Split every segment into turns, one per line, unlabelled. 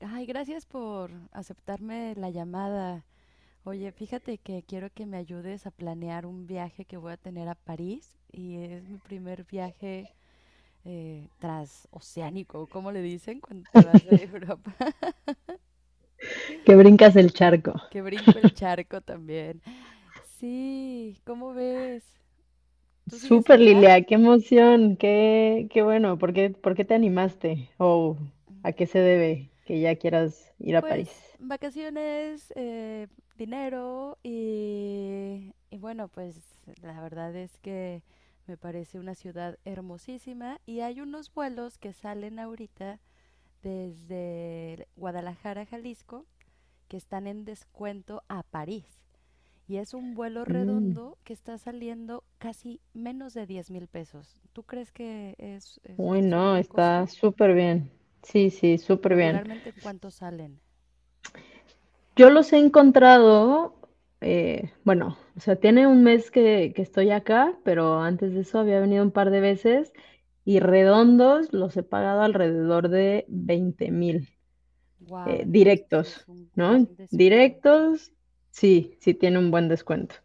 Ay, gracias por aceptarme la llamada. Oye, fíjate que quiero que me ayudes a planear un viaje que voy a tener a París y es mi primer viaje transoceánico, ¿cómo le dicen cuando te vas de Europa?
Que brincas el charco.
Que brinco el charco también. Sí, ¿cómo ves? ¿Tú sigues
Súper,
allá?
Lilia, qué emoción, qué bueno. ¿Por qué te animaste? ¿O a qué se debe que ya quieras ir a
Pues
París?
vacaciones, dinero y bueno, pues la verdad es que me parece una ciudad hermosísima y hay unos vuelos que salen ahorita desde Guadalajara, Jalisco, que están en descuento a París. Y es un vuelo
Mm,
redondo que está saliendo casi menos de 10,000 pesos. ¿Tú crees que es, es,
Uy,
es un
no,
buen
está
costo?
súper bien. Sí, sí, súper bien.
Regularmente, ¿en cuánto salen?
Yo los he encontrado, bueno, o sea, tiene un mes que estoy acá, pero antes de eso había venido un par de veces y redondos los he pagado alrededor de 20,000.
Wow, entonces sí es
Directos,
un gran
¿no?
descuento.
Directos, sí, sí tiene un buen descuento.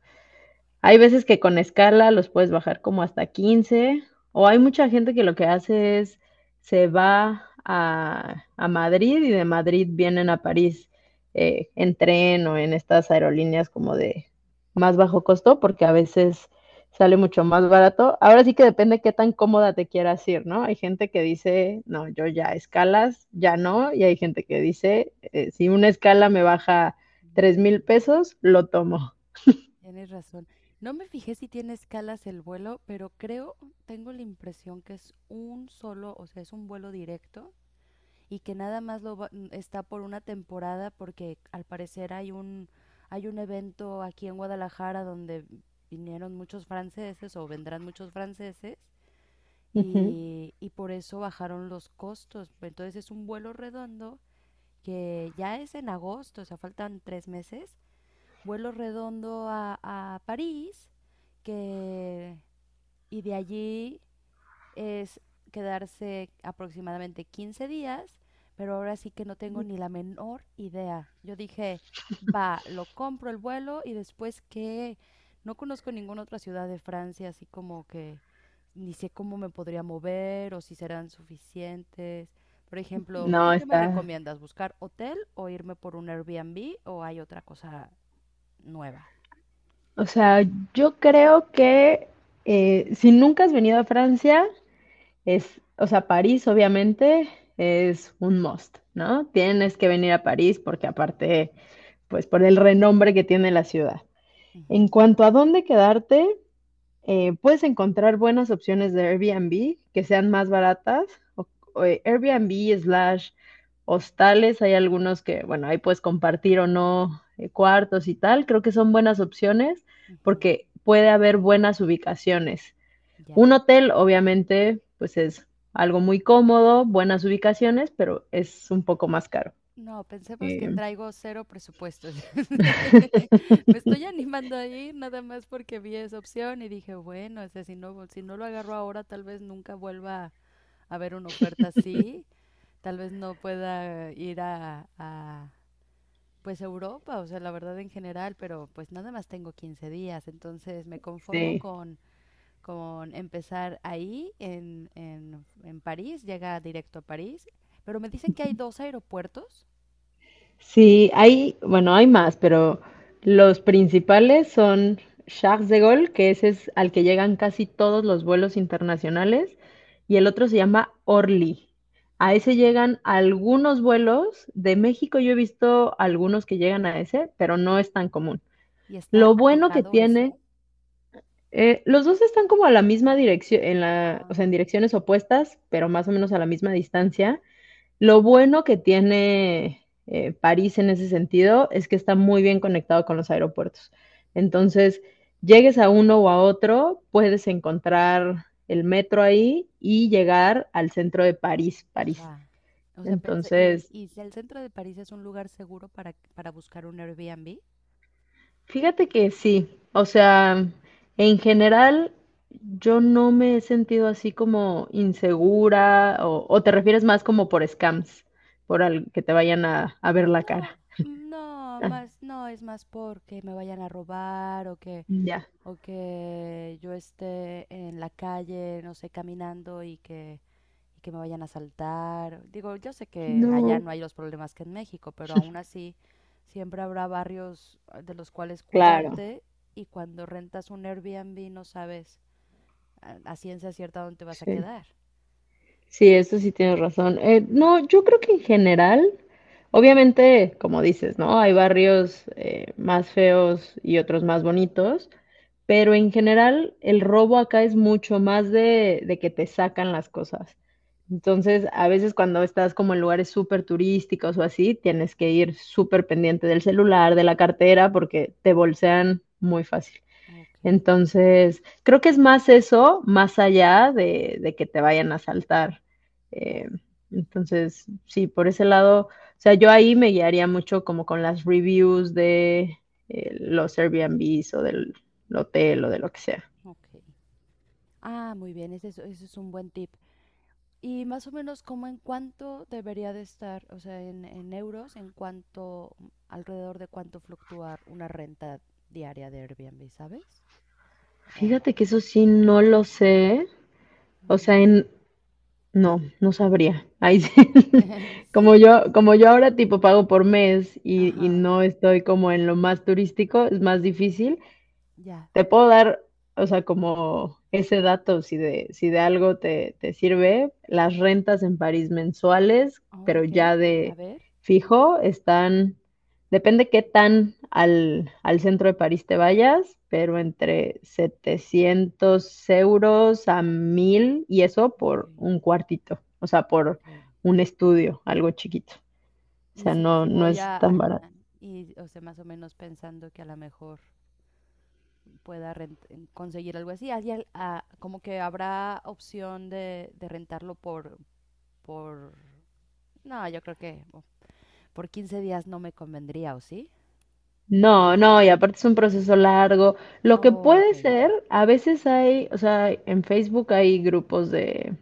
Hay veces que con escala los puedes bajar como hasta 15, o hay mucha gente que lo que hace es se va a Madrid y de Madrid vienen a París, en tren o en estas aerolíneas como de más bajo costo, porque a veces sale mucho más barato. Ahora sí que depende qué tan cómoda te quieras ir, ¿no? Hay gente que dice, no, yo ya escalas, ya no, y hay gente que dice, si una escala me baja tres
Mm,
mil pesos, lo tomo.
Tienes razón. No me fijé si tiene escalas el vuelo, pero creo, tengo la impresión que es un solo, o sea, es un vuelo directo y que nada más está por una temporada porque al parecer hay un evento aquí en Guadalajara donde vinieron muchos franceses o vendrán muchos franceses
Ujú.
y por eso bajaron los costos. Entonces es un vuelo redondo que ya es en agosto, o sea, faltan 3 meses, vuelo redondo a París, que, y de allí es quedarse aproximadamente 15 días, pero ahora sí que no tengo ni la menor idea. Yo dije, va, lo compro el vuelo y después que no conozco ninguna otra ciudad de Francia, así como que ni sé cómo me podría mover o si serán suficientes. Por ejemplo, ¿tú
No,
qué me
está.
recomiendas? ¿Buscar hotel o irme por un Airbnb o hay otra cosa nueva?
O sea, yo creo que si nunca has venido a Francia, es, o sea, París obviamente es un must, ¿no? Tienes que venir a París porque aparte, pues por el renombre que tiene la ciudad. En
Ujú.
cuanto a dónde quedarte, puedes encontrar buenas opciones de Airbnb que sean más baratas. o- o, Airbnb slash hostales, hay algunos que, bueno, ahí puedes compartir o no cuartos y tal. Creo que son buenas opciones
Ujú.
porque puede haber buenas ubicaciones.
Ya.
Un hotel, obviamente, pues es algo muy cómodo, buenas ubicaciones, pero es un poco más caro.
No, pensemos que
Em,
traigo cero presupuesto. Me estoy animando a ir nada más porque vi esa opción y dije, bueno, o sea, si no lo agarro ahora, tal vez nunca vuelva a ver una oferta así, tal vez no pueda ir a, pues Europa, o sea, la verdad en general, pero pues nada más tengo 15 días, entonces me conformo
sí.
con, con empezar ahí en París, llega directo a París, pero me dicen que hay dos aeropuertos.
Sí, hay, bueno, hay más, pero los principales son Charles de Gaulle, que ese es al que llegan casi todos los vuelos internacionales, y el otro se llama Orly. A
No,
ese
ok.
llegan algunos vuelos. De México yo he visto algunos que llegan a ese, pero no es tan común.
¿Y está
Lo bueno que
alejado ese?
tiene, los dos están como a la misma dirección, en la, o sea,
Ah,
en direcciones opuestas, pero más o menos a la misma distancia. Lo bueno que tiene, París en ese sentido es que está muy bien conectado con los aeropuertos. Entonces, llegues a uno o a otro, puedes encontrar el metro ahí y llegar al centro de París.
ya. O sea, pensé,
Entonces,
y si el centro de París es un lugar seguro para buscar un Airbnb?
fíjate que sí, o sea, en general yo no me he sentido así como insegura o te refieres más como por scams, que te vayan a ver la cara.
No,
Ah,
más, no, es más porque me vayan a robar
ya.
o que yo esté en la calle, no sé, caminando y que me vayan a asaltar. Digo, yo sé que allá
No,
no hay los problemas que en México, pero aún así siempre habrá barrios de los cuales
Claro,
cuidarte y cuando rentas un Airbnb no sabes a ciencia cierta dónde te vas a
sí.
quedar.
Sí, eso sí tienes razón. No, yo creo que en general, obviamente, como dices, ¿no? Hay barrios más feos y otros más bonitos, pero en general el robo acá es mucho más de que te sacan las cosas. Entonces, a veces cuando estás como en lugares súper turísticos o así, tienes que ir súper pendiente del celular, de la cartera, porque te bolsean muy fácil.
Ok,
Entonces, creo que es más eso, más allá de que te vayan a asaltar.
ya,
Eh, entonces, sí, por ese lado, o sea, yo ahí me guiaría mucho como con las reviews de los Airbnbs o del hotel o de lo que sea.
ok. Ah, muy bien, ese es un buen tip. Y más o menos, ¿cómo en cuánto debería de estar, o sea, en euros, en cuánto, alrededor de cuánto fluctuar una renta diaria de Airbnb, ¿sabes? ¿O no?
Fíjate que eso sí no lo sé. O
Mm.
sea, no, no sabría. Ahí sí. Como
Sí,
yo, como yo ahora tipo pago por mes y
ajá,
no estoy como en lo más turístico, es más difícil,
ya.
te puedo dar, o sea, como ese dato, si de algo te, te sirve, las rentas en París mensuales,
Oh,
pero
ok,
ya
a
de
ver.
fijo, están, depende qué tan al, al centro de París te vayas, pero entre 700 euros a 1000 y eso
Ok,
por un cuartito, o sea, por
ok.
un estudio, algo chiquito. O
Y
sea,
si,
no,
si
no
voy
es
a,
tan barato.
ajá, y, o sea, más o menos pensando que a lo mejor pueda conseguir algo así. Así como que habrá opción de rentarlo por... No, yo creo que oh, por 15 días no me convendría, ¿o sí?
No, no, y aparte es un proceso largo. Lo que
Oh, ok,
puede
ok.
ser, a veces hay, o sea, en Facebook hay grupos de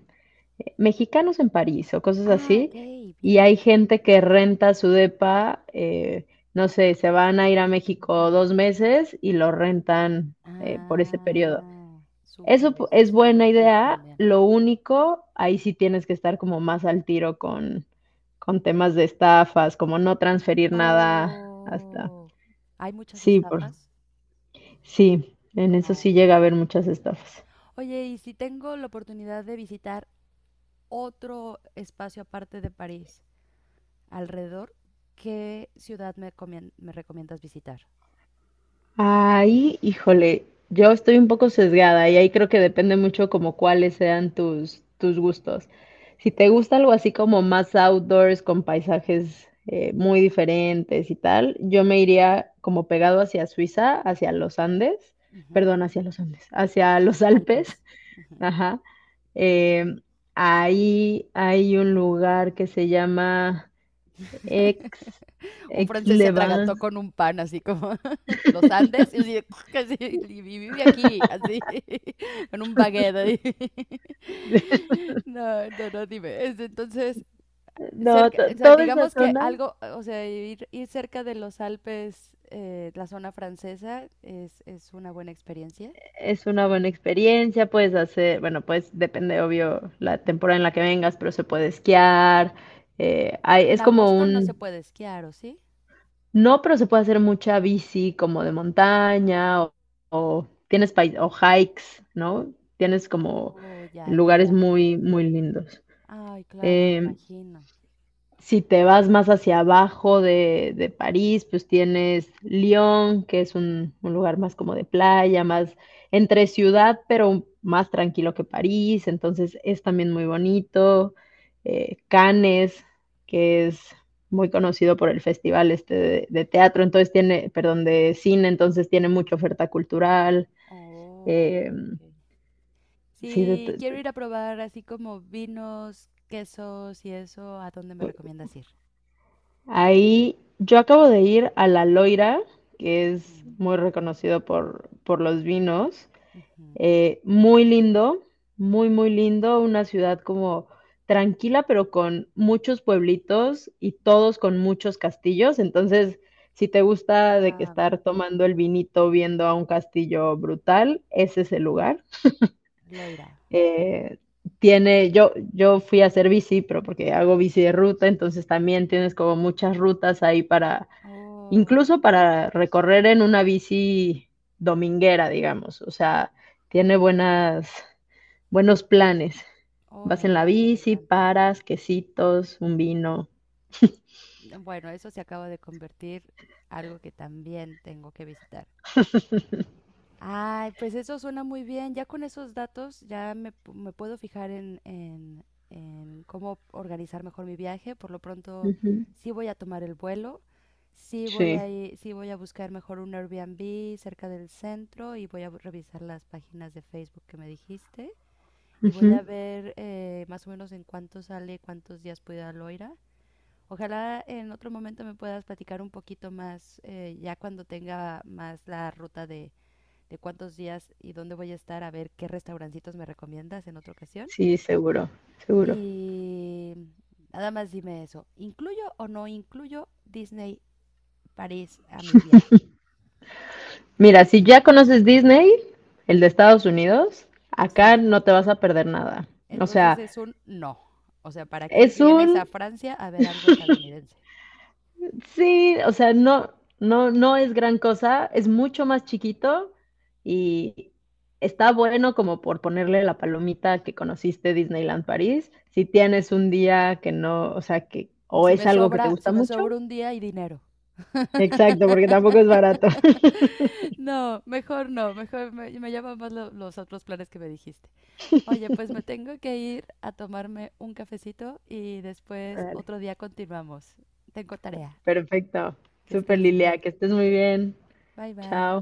mexicanos en París o cosas
Ah, ok,
así, y hay
bien.
gente que renta su depa, no sé, se van a ir a México
Ujú.
dos meses y lo rentan por ese periodo.
Ah, súper, ese
Es
es un
buena
buen tip
idea,
también.
lo único, ahí sí tienes que estar como más al tiro con temas de estafas, como no transferir nada hasta...
Oh, ¿hay muchas
Sí, por
estafas?
sí, en eso
Ah,
sí
ok.
llega a haber muchas estafas.
Oye, ¿y si tengo la oportunidad de visitar otro espacio aparte de París? Alrededor, ¿qué ciudad me, me recomiendas visitar?
Ahí, híjole, yo estoy un poco sesgada y ahí creo que depende mucho como cuáles sean tus, tus gustos. Si te gusta algo así como más outdoors, con paisajes muy diferentes y tal, yo me iría como pegado hacia Suiza, hacia los Andes,
Ujú.
perdón, hacia los Andes, hacia los Alpes,
Alpes. Ujú.
ajá. Em, ahí hay un lugar que se llama Ex,
Un
Ex
francés se atragantó con un pan, así como los Andes, y, así, así, y vive aquí, así, con un baguette. Ahí. No, no, no, dime. Entonces,
No,
cerca,
to
o sea,
toda esa
digamos que
zona
algo, o sea, ir cerca de los Alpes, la zona francesa, es una buena experiencia.
es una buena experiencia, puedes hacer, bueno, pues depende, obvio, la temporada en la que vengas, pero se puede esquiar, hay
En
es como
agosto no se
un
puede esquiar, ¿o sí?
no, pero se puede hacer mucha bici como de montaña o tienes pai o hikes, ¿no? Tienes como
Oh, ya, ya,
lugares
ya.
muy, muy lindos.
Ay, claro, me
Eh,
imagino.
Si te vas más hacia abajo de París, pues tienes Lyon, que es un lugar más como de playa, más entre ciudad, pero más tranquilo que París, entonces es también muy bonito. Cannes, que es muy conocido por el festival este teatro, entonces tiene, perdón, de cine, entonces tiene mucha oferta cultural.
Oh,
Eh,
ok, ok.
sí,
Sí, quiero ir a probar así como vinos, quesos y eso. ¿A dónde me recomiendas ir?
ahí yo acabo de ir a La Loira, que es muy reconocido por los vinos. Muy lindo, muy, muy lindo. Una ciudad como tranquila, pero con muchos pueblitos y todos con muchos castillos. Entonces, si te gusta de que
Wow,
estar tomando el vinito viendo a un castillo brutal, ese es el lugar.
Loira.
Eh, tiene, yo fui a hacer bici, pero porque hago bici de ruta, entonces también tienes como muchas rutas ahí para
Oh,
incluso para recorrer en una bici dominguera, digamos, o sea, tiene buenas, buenos planes.
oh, me
Vas en la
encanta, me
bici,
encanta.
paras, quesitos, un vino.
Bueno, eso se acaba de convertir algo que también tengo que visitar. Ay, pues eso suena muy bien. Ya con esos datos ya me, me puedo fijar en cómo organizar mejor mi viaje. Por lo pronto,
Ujú,
sí voy a tomar el vuelo,
sí,
sí voy a buscar mejor un Airbnb cerca del centro y voy a revisar las páginas de Facebook que me dijiste y voy
ujú,
a ver más o menos en cuánto sale, cuántos días puedo ir a Loira. Ojalá en otro momento me puedas platicar un poquito más ya cuando tenga más la ruta de cuántos días y dónde voy a estar, a ver qué restaurancitos me recomiendas en otra ocasión.
sí, seguro, seguro.
Y nada más dime eso, ¿incluyo o no incluyo Disney París a mi viaje? ¿Tú qué
Mira,
dices?
si ya conoces Disney, el de Estados Unidos, acá
Sí,
no te vas a perder nada. O
entonces
sea,
es un no. O sea, ¿para qué
es
vienes a
un
Francia a ver algo estadounidense?
sí, o sea, no, no, no es gran cosa, es mucho más chiquito y está bueno como por ponerle la palomita que conociste Disneyland París. Si tienes un día que no, o sea, que o
Si
es
me
algo que te
sobra,
gusta
si me
mucho.
sobra un día y dinero.
Exacto, porque tampoco es barato.
No, mejor no, mejor me llaman más los otros planes que me dijiste. Oye, pues me tengo que ir a tomarme un cafecito y después
Vale,
otro día continuamos. Tengo tarea.
perfecto.
Que
Súper
estés
Lilia,
bien.
que estés muy bien.
Bye
Chao.
bye.